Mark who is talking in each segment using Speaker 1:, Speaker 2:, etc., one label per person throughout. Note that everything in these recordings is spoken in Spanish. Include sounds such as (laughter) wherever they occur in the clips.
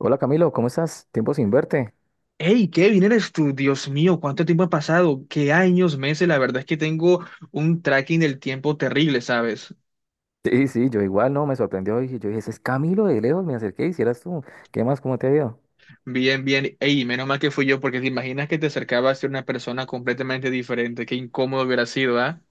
Speaker 1: Hola Camilo, ¿cómo estás? Tiempo sin verte.
Speaker 2: Hey, Kevin, eres tú, Dios mío, cuánto tiempo ha pasado, qué años, meses, la verdad es que tengo un tracking del tiempo terrible, ¿sabes?
Speaker 1: Sí, yo igual, no, me sorprendió. Y yo dije, ese es Camilo de lejos, me acerqué, hicieras tú. ¿Qué más? ¿Cómo te ha ido?
Speaker 2: Bien, bien, hey, menos mal que fui yo, porque te imaginas que te acercabas a ser una persona completamente diferente, qué incómodo hubiera sido, ¿ah?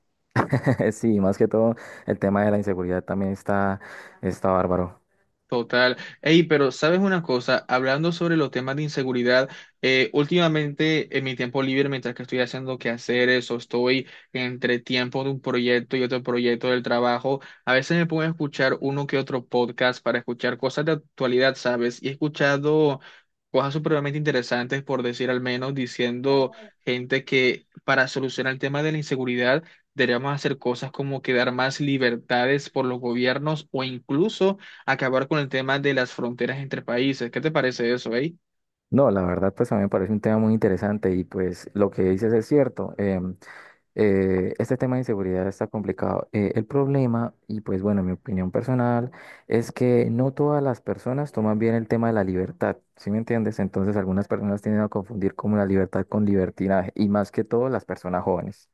Speaker 1: (laughs) Sí, más que todo, el tema de la inseguridad también está bárbaro.
Speaker 2: Total. Ey, pero sabes una cosa, hablando sobre los temas de inseguridad, últimamente en mi tiempo libre, mientras que estoy haciendo quehaceres o estoy entre tiempo de un proyecto y otro proyecto del trabajo, a veces me pongo a escuchar uno que otro podcast para escuchar cosas de actualidad, ¿sabes? Y he escuchado cosas supremamente interesantes, por decir al menos, diciendo gente que para solucionar el tema de la inseguridad deberíamos hacer cosas como que dar más libertades por los gobiernos o incluso acabar con el tema de las fronteras entre países. ¿Qué te parece eso, eh?
Speaker 1: No, la verdad, pues a mí me parece un tema muy interesante y pues lo que dices es cierto. Este tema de inseguridad está complicado. El problema, y pues bueno, mi opinión personal, es que no todas las personas toman bien el tema de la libertad, ¿sí me entiendes? Entonces algunas personas tienden a confundir como la libertad con libertinaje, y más que todo las personas jóvenes.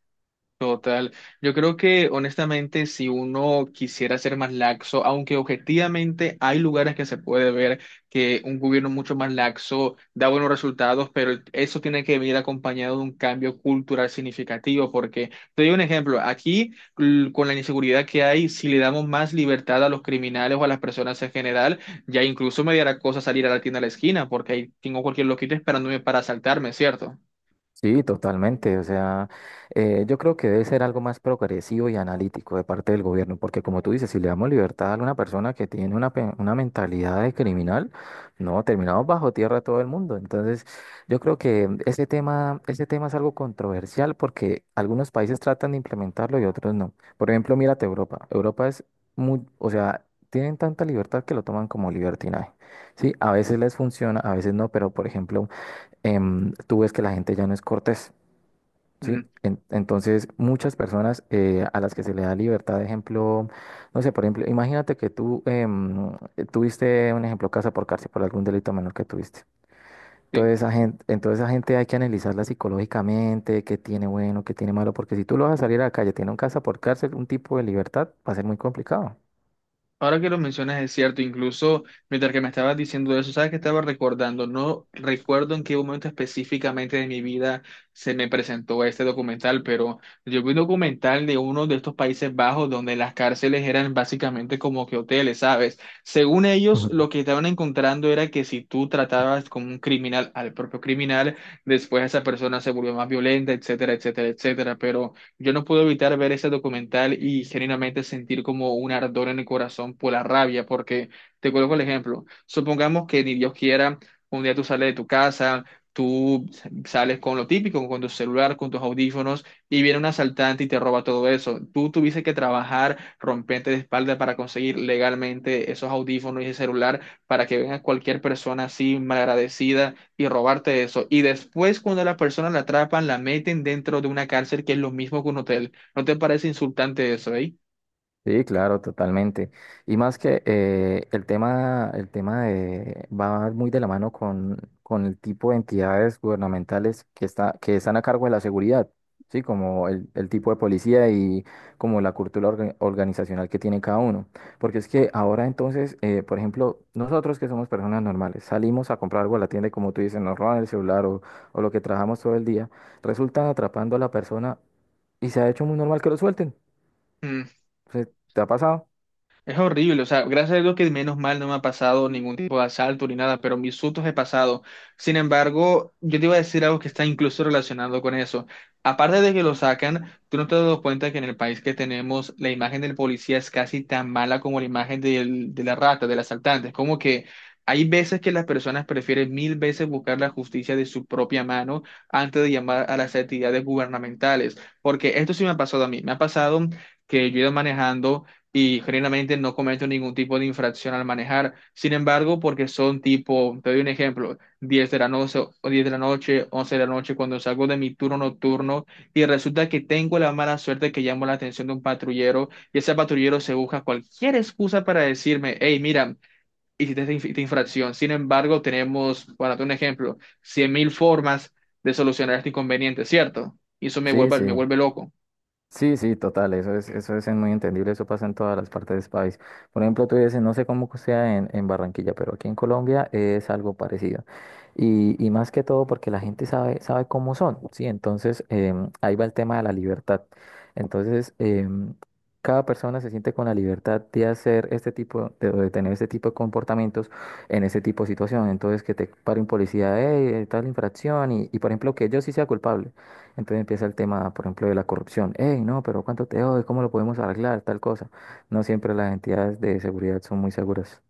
Speaker 2: Total. Yo creo que honestamente si uno quisiera ser más laxo, aunque objetivamente hay lugares que se puede ver que un gobierno mucho más laxo da buenos resultados, pero eso tiene que venir acompañado de un cambio cultural significativo, porque te doy un ejemplo, con la inseguridad que hay, si le damos más libertad a los criminales o a las personas en general, ya incluso me dará cosa salir a la tienda de la esquina, porque ahí tengo cualquier loquito esperándome para asaltarme, ¿cierto?
Speaker 1: Sí, totalmente. O sea, yo creo que debe ser algo más progresivo y analítico de parte del gobierno, porque como tú dices, si le damos libertad a una persona que tiene una, una mentalidad de criminal, no, terminamos bajo tierra todo el mundo. Entonces, yo creo que ese tema es algo controversial porque algunos países tratan de implementarlo y otros no. Por ejemplo, mírate Europa. Europa es muy, o sea, tienen tanta libertad que lo toman como libertinaje. Sí, a veces les funciona, a veces no, pero por ejemplo, tú ves que la gente ya no es cortés, ¿sí?
Speaker 2: Mm.
Speaker 1: Entonces, muchas personas a las que se le da libertad, de ejemplo, no sé, por ejemplo, imagínate que tú tuviste un ejemplo casa por cárcel por algún delito menor que tuviste.
Speaker 2: Sí.
Speaker 1: Entonces, esa gente hay que analizarla psicológicamente, qué tiene bueno, qué tiene malo, porque si tú lo vas a salir a la calle, tiene un casa por cárcel, un tipo de libertad, va a ser muy complicado.
Speaker 2: Ahora que lo mencionas es cierto, incluso mientras que me estabas diciendo eso, sabes que estaba recordando, no recuerdo en qué momento específicamente de mi vida se me presentó este documental, pero yo vi un documental de uno de estos Países Bajos donde las cárceles eran básicamente como que hoteles, ¿sabes? Según ellos, lo que estaban encontrando era que si tú tratabas como un criminal al propio criminal, después esa persona se volvió más violenta, etcétera, etcétera, etcétera, pero... yo no puedo evitar ver ese documental y genuinamente sentir como un ardor en el corazón por la rabia, porque te coloco el ejemplo. Supongamos que ni Dios quiera, un día tú sales de tu casa, tú sales con lo típico, con tu celular, con tus audífonos, y viene un asaltante y te roba todo eso. Tú tuviste que trabajar, romperte de espalda para conseguir legalmente esos audífonos y ese celular para que venga cualquier persona así, malagradecida y robarte eso. Y después, cuando la persona la atrapan, la meten dentro de una cárcel que es lo mismo que un hotel. ¿No te parece insultante eso,
Speaker 1: Sí, claro, totalmente. Y más que el tema, va muy de la mano con el tipo de entidades gubernamentales que que están a cargo de la seguridad, sí, como el tipo de policía y como la cultura organizacional que tiene cada uno. Porque es que ahora entonces, por ejemplo, nosotros que somos personas normales, salimos a comprar algo a la tienda y como tú dices, nos roban el celular o lo que trabajamos todo el día, resultan atrapando a la persona y se ha hecho muy normal que lo suelten.
Speaker 2: eh?
Speaker 1: O sea, ¿te ha pasado?
Speaker 2: Es horrible, o sea, gracias a Dios que menos mal no me ha pasado ningún tipo de asalto ni nada, pero mis sustos he pasado. Sin embargo, yo te iba a decir algo que está incluso relacionado con eso. Aparte de que lo sacan, tú no te has dado cuenta que en el país que tenemos la imagen del policía es casi tan mala como la imagen de la rata, del asaltante. Es como que hay veces que las personas prefieren mil veces buscar la justicia de su propia mano antes de llamar a las entidades gubernamentales, porque esto sí me ha pasado a mí, me ha pasado que yo he ido manejando y generalmente no cometo ningún tipo de infracción al manejar. Sin embargo, porque son tipo, te doy un ejemplo, 10 de la noche, o 10 de la noche, 11 de la noche, cuando salgo de mi turno nocturno y resulta que tengo la mala suerte que llamo la atención de un patrullero y ese patrullero se busca cualquier excusa para decirme, hey, mira, hiciste esta infracción. Sin embargo, tenemos, para darte un ejemplo, 100.000 formas de solucionar este inconveniente, ¿cierto? Y eso
Speaker 1: Sí, sí,
Speaker 2: me vuelve loco.
Speaker 1: sí, sí, total, eso es muy entendible, eso pasa en todas las partes de ese país. Por ejemplo, tú dices, no sé cómo sea en Barranquilla, pero aquí en Colombia es algo parecido. Y más que todo porque la gente sabe, sabe cómo son, ¿sí? Entonces, ahí va el tema de la libertad. Entonces, cada persona se siente con la libertad de hacer este tipo, de tener este tipo de comportamientos en ese tipo de situación. Entonces, que te pare un policía, hey, tal infracción, y por ejemplo, que yo sí sea culpable. Entonces empieza el tema, por ejemplo, de la corrupción. Hey, no, pero ¿cuánto te doy? ¿Cómo lo podemos arreglar? Tal cosa. No siempre las entidades de seguridad son muy seguras.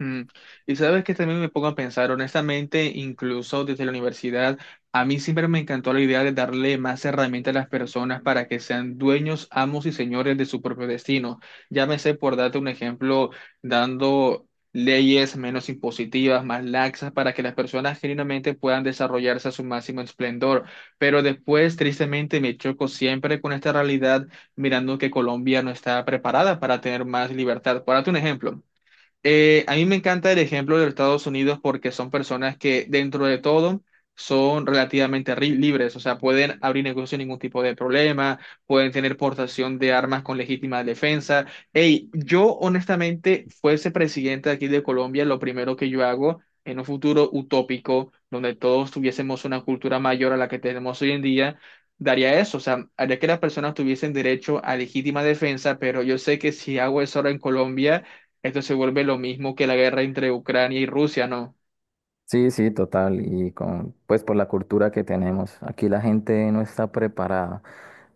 Speaker 2: Mm, Y sabes que también me pongo a pensar, honestamente, incluso desde la universidad, a mí siempre me encantó la idea de darle más herramientas a las personas para que sean dueños, amos y señores de su propio destino. Llámese, por darte un ejemplo, dando leyes menos impositivas, más laxas, para que las personas genuinamente puedan desarrollarse a su máximo esplendor. Pero después, tristemente, me choco siempre con esta realidad, mirando que Colombia no está preparada para tener más libertad. Por darte un ejemplo. A mí me encanta el ejemplo de los Estados Unidos porque son personas que dentro de todo son libres, o sea, pueden abrir negocios sin ningún tipo de problema, pueden tener portación de armas con legítima defensa. Hey, yo honestamente fuese presidente aquí de Colombia, lo primero que yo hago en un futuro utópico donde todos tuviésemos una cultura mayor a la que tenemos hoy en día, daría eso, o sea, haría que las personas tuviesen derecho a legítima defensa, pero yo sé que si hago eso ahora en Colombia esto se vuelve lo mismo que la guerra entre Ucrania y Rusia, ¿no?
Speaker 1: Sí, total. Y con, pues por la cultura que tenemos. Aquí la gente no está preparada.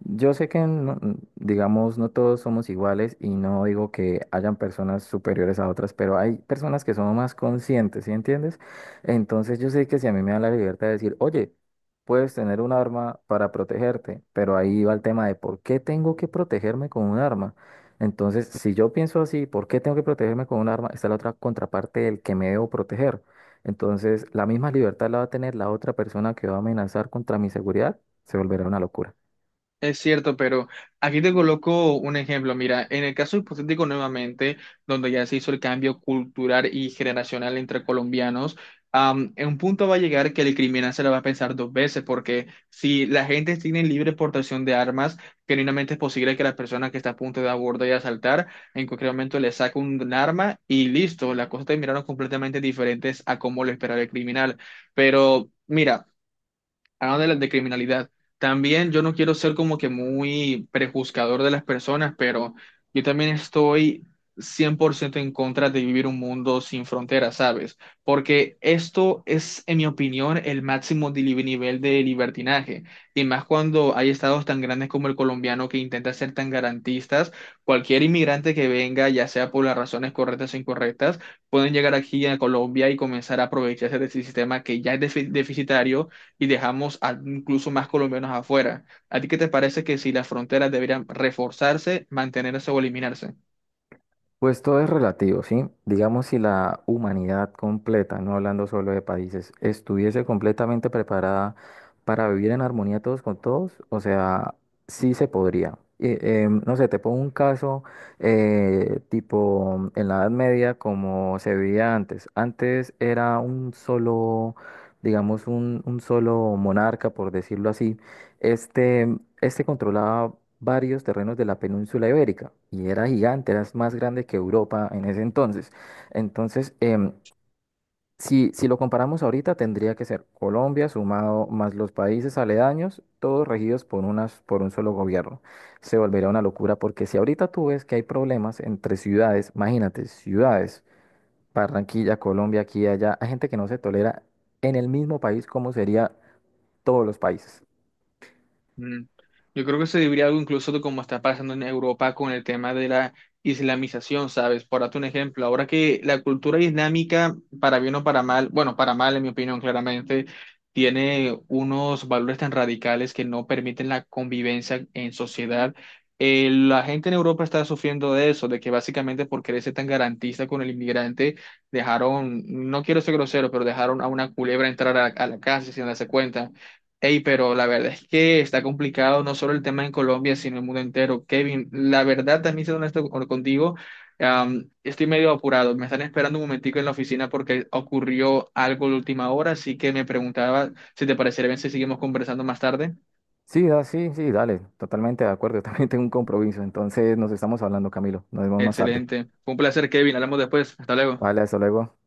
Speaker 1: Yo sé que, no, digamos, no todos somos iguales y no digo que hayan personas superiores a otras, pero hay personas que son más conscientes, ¿sí entiendes? Entonces yo sé que si a mí me dan la libertad de decir, oye, puedes tener un arma para protegerte, pero ahí va el tema de por qué tengo que protegerme con un arma. Entonces, si yo pienso así, ¿por qué tengo que protegerme con un arma? Está la otra contraparte del que me debo proteger. Entonces, la misma libertad la va a tener la otra persona que va a amenazar contra mi seguridad, se volverá una locura.
Speaker 2: Es cierto, pero aquí te coloco un ejemplo. Mira, en el caso hipotético nuevamente, donde ya se hizo el cambio cultural y generacional entre colombianos, en un punto va a llegar que el criminal se lo va a pensar dos veces, porque si la gente tiene libre portación de armas, genuinamente es posible que la persona que está a punto de abordar y asaltar, en cualquier momento le saque un arma y listo, las cosas terminaron completamente diferentes a como lo esperaba el criminal. Pero... mira, de criminalidad, también yo no quiero ser como que muy prejuzgador de las personas, pero yo también estoy 100% en contra de vivir un mundo sin fronteras, ¿sabes? Porque esto es, en mi opinión, el máximo nivel de libertinaje. Y más cuando hay estados tan grandes como el colombiano que intenta ser tan garantistas, cualquier inmigrante que venga, ya sea por las razones correctas o incorrectas, pueden llegar aquí a Colombia y comenzar a aprovecharse de ese sistema que ya es deficitario y incluso más colombianos afuera. ¿A ti qué te parece que si las fronteras deberían reforzarse, mantenerse o eliminarse?
Speaker 1: Pues todo es relativo, ¿sí? Digamos, si la humanidad completa, no hablando solo de países, estuviese completamente preparada para vivir en armonía todos con todos, o sea, sí se podría. Y, no sé, te pongo un caso tipo en la Edad Media como se vivía antes. Antes era un solo, digamos, un solo monarca, por decirlo así. Este, este controlaba varios terrenos de la península ibérica y era gigante, era más grande que Europa en ese entonces. Entonces, si lo comparamos ahorita, tendría que ser Colombia sumado más los países aledaños, todos regidos por unas, por un solo gobierno. Se volvería una locura porque si ahorita tú ves que hay problemas entre ciudades, imagínate, ciudades, Barranquilla, Colombia, aquí y allá, hay gente que no se tolera en el mismo país como sería todos los países.
Speaker 2: Mm. Yo creo que se debería algo incluso de cómo está pasando en Europa con el tema de la islamización, ¿sabes? Por darte un ejemplo, ahora que la cultura islámica, para bien o para mal, bueno, para mal en mi opinión claramente, tiene unos valores tan radicales que no permiten la convivencia en sociedad. La gente en Europa está sufriendo de eso, de que básicamente por querer ser tan garantista con el inmigrante, dejaron, no quiero ser grosero, pero dejaron a una culebra entrar a la casa sin darse cuenta. Ey, pero la verdad es que está complicado no solo el tema en Colombia, sino el mundo entero. Kevin, la verdad también siendo honesto contigo, estoy medio apurado. Me están esperando un momentico en la oficina porque ocurrió algo de última hora, así que me preguntaba si te parecería bien si seguimos conversando más tarde.
Speaker 1: Sí, sí, dale, totalmente de acuerdo. (laughs) Yo también tengo un compromiso, entonces nos estamos hablando, Camilo. Nos vemos más tarde.
Speaker 2: Excelente. Fue un placer, Kevin. Hablamos después. Hasta luego.
Speaker 1: Vale, hasta luego.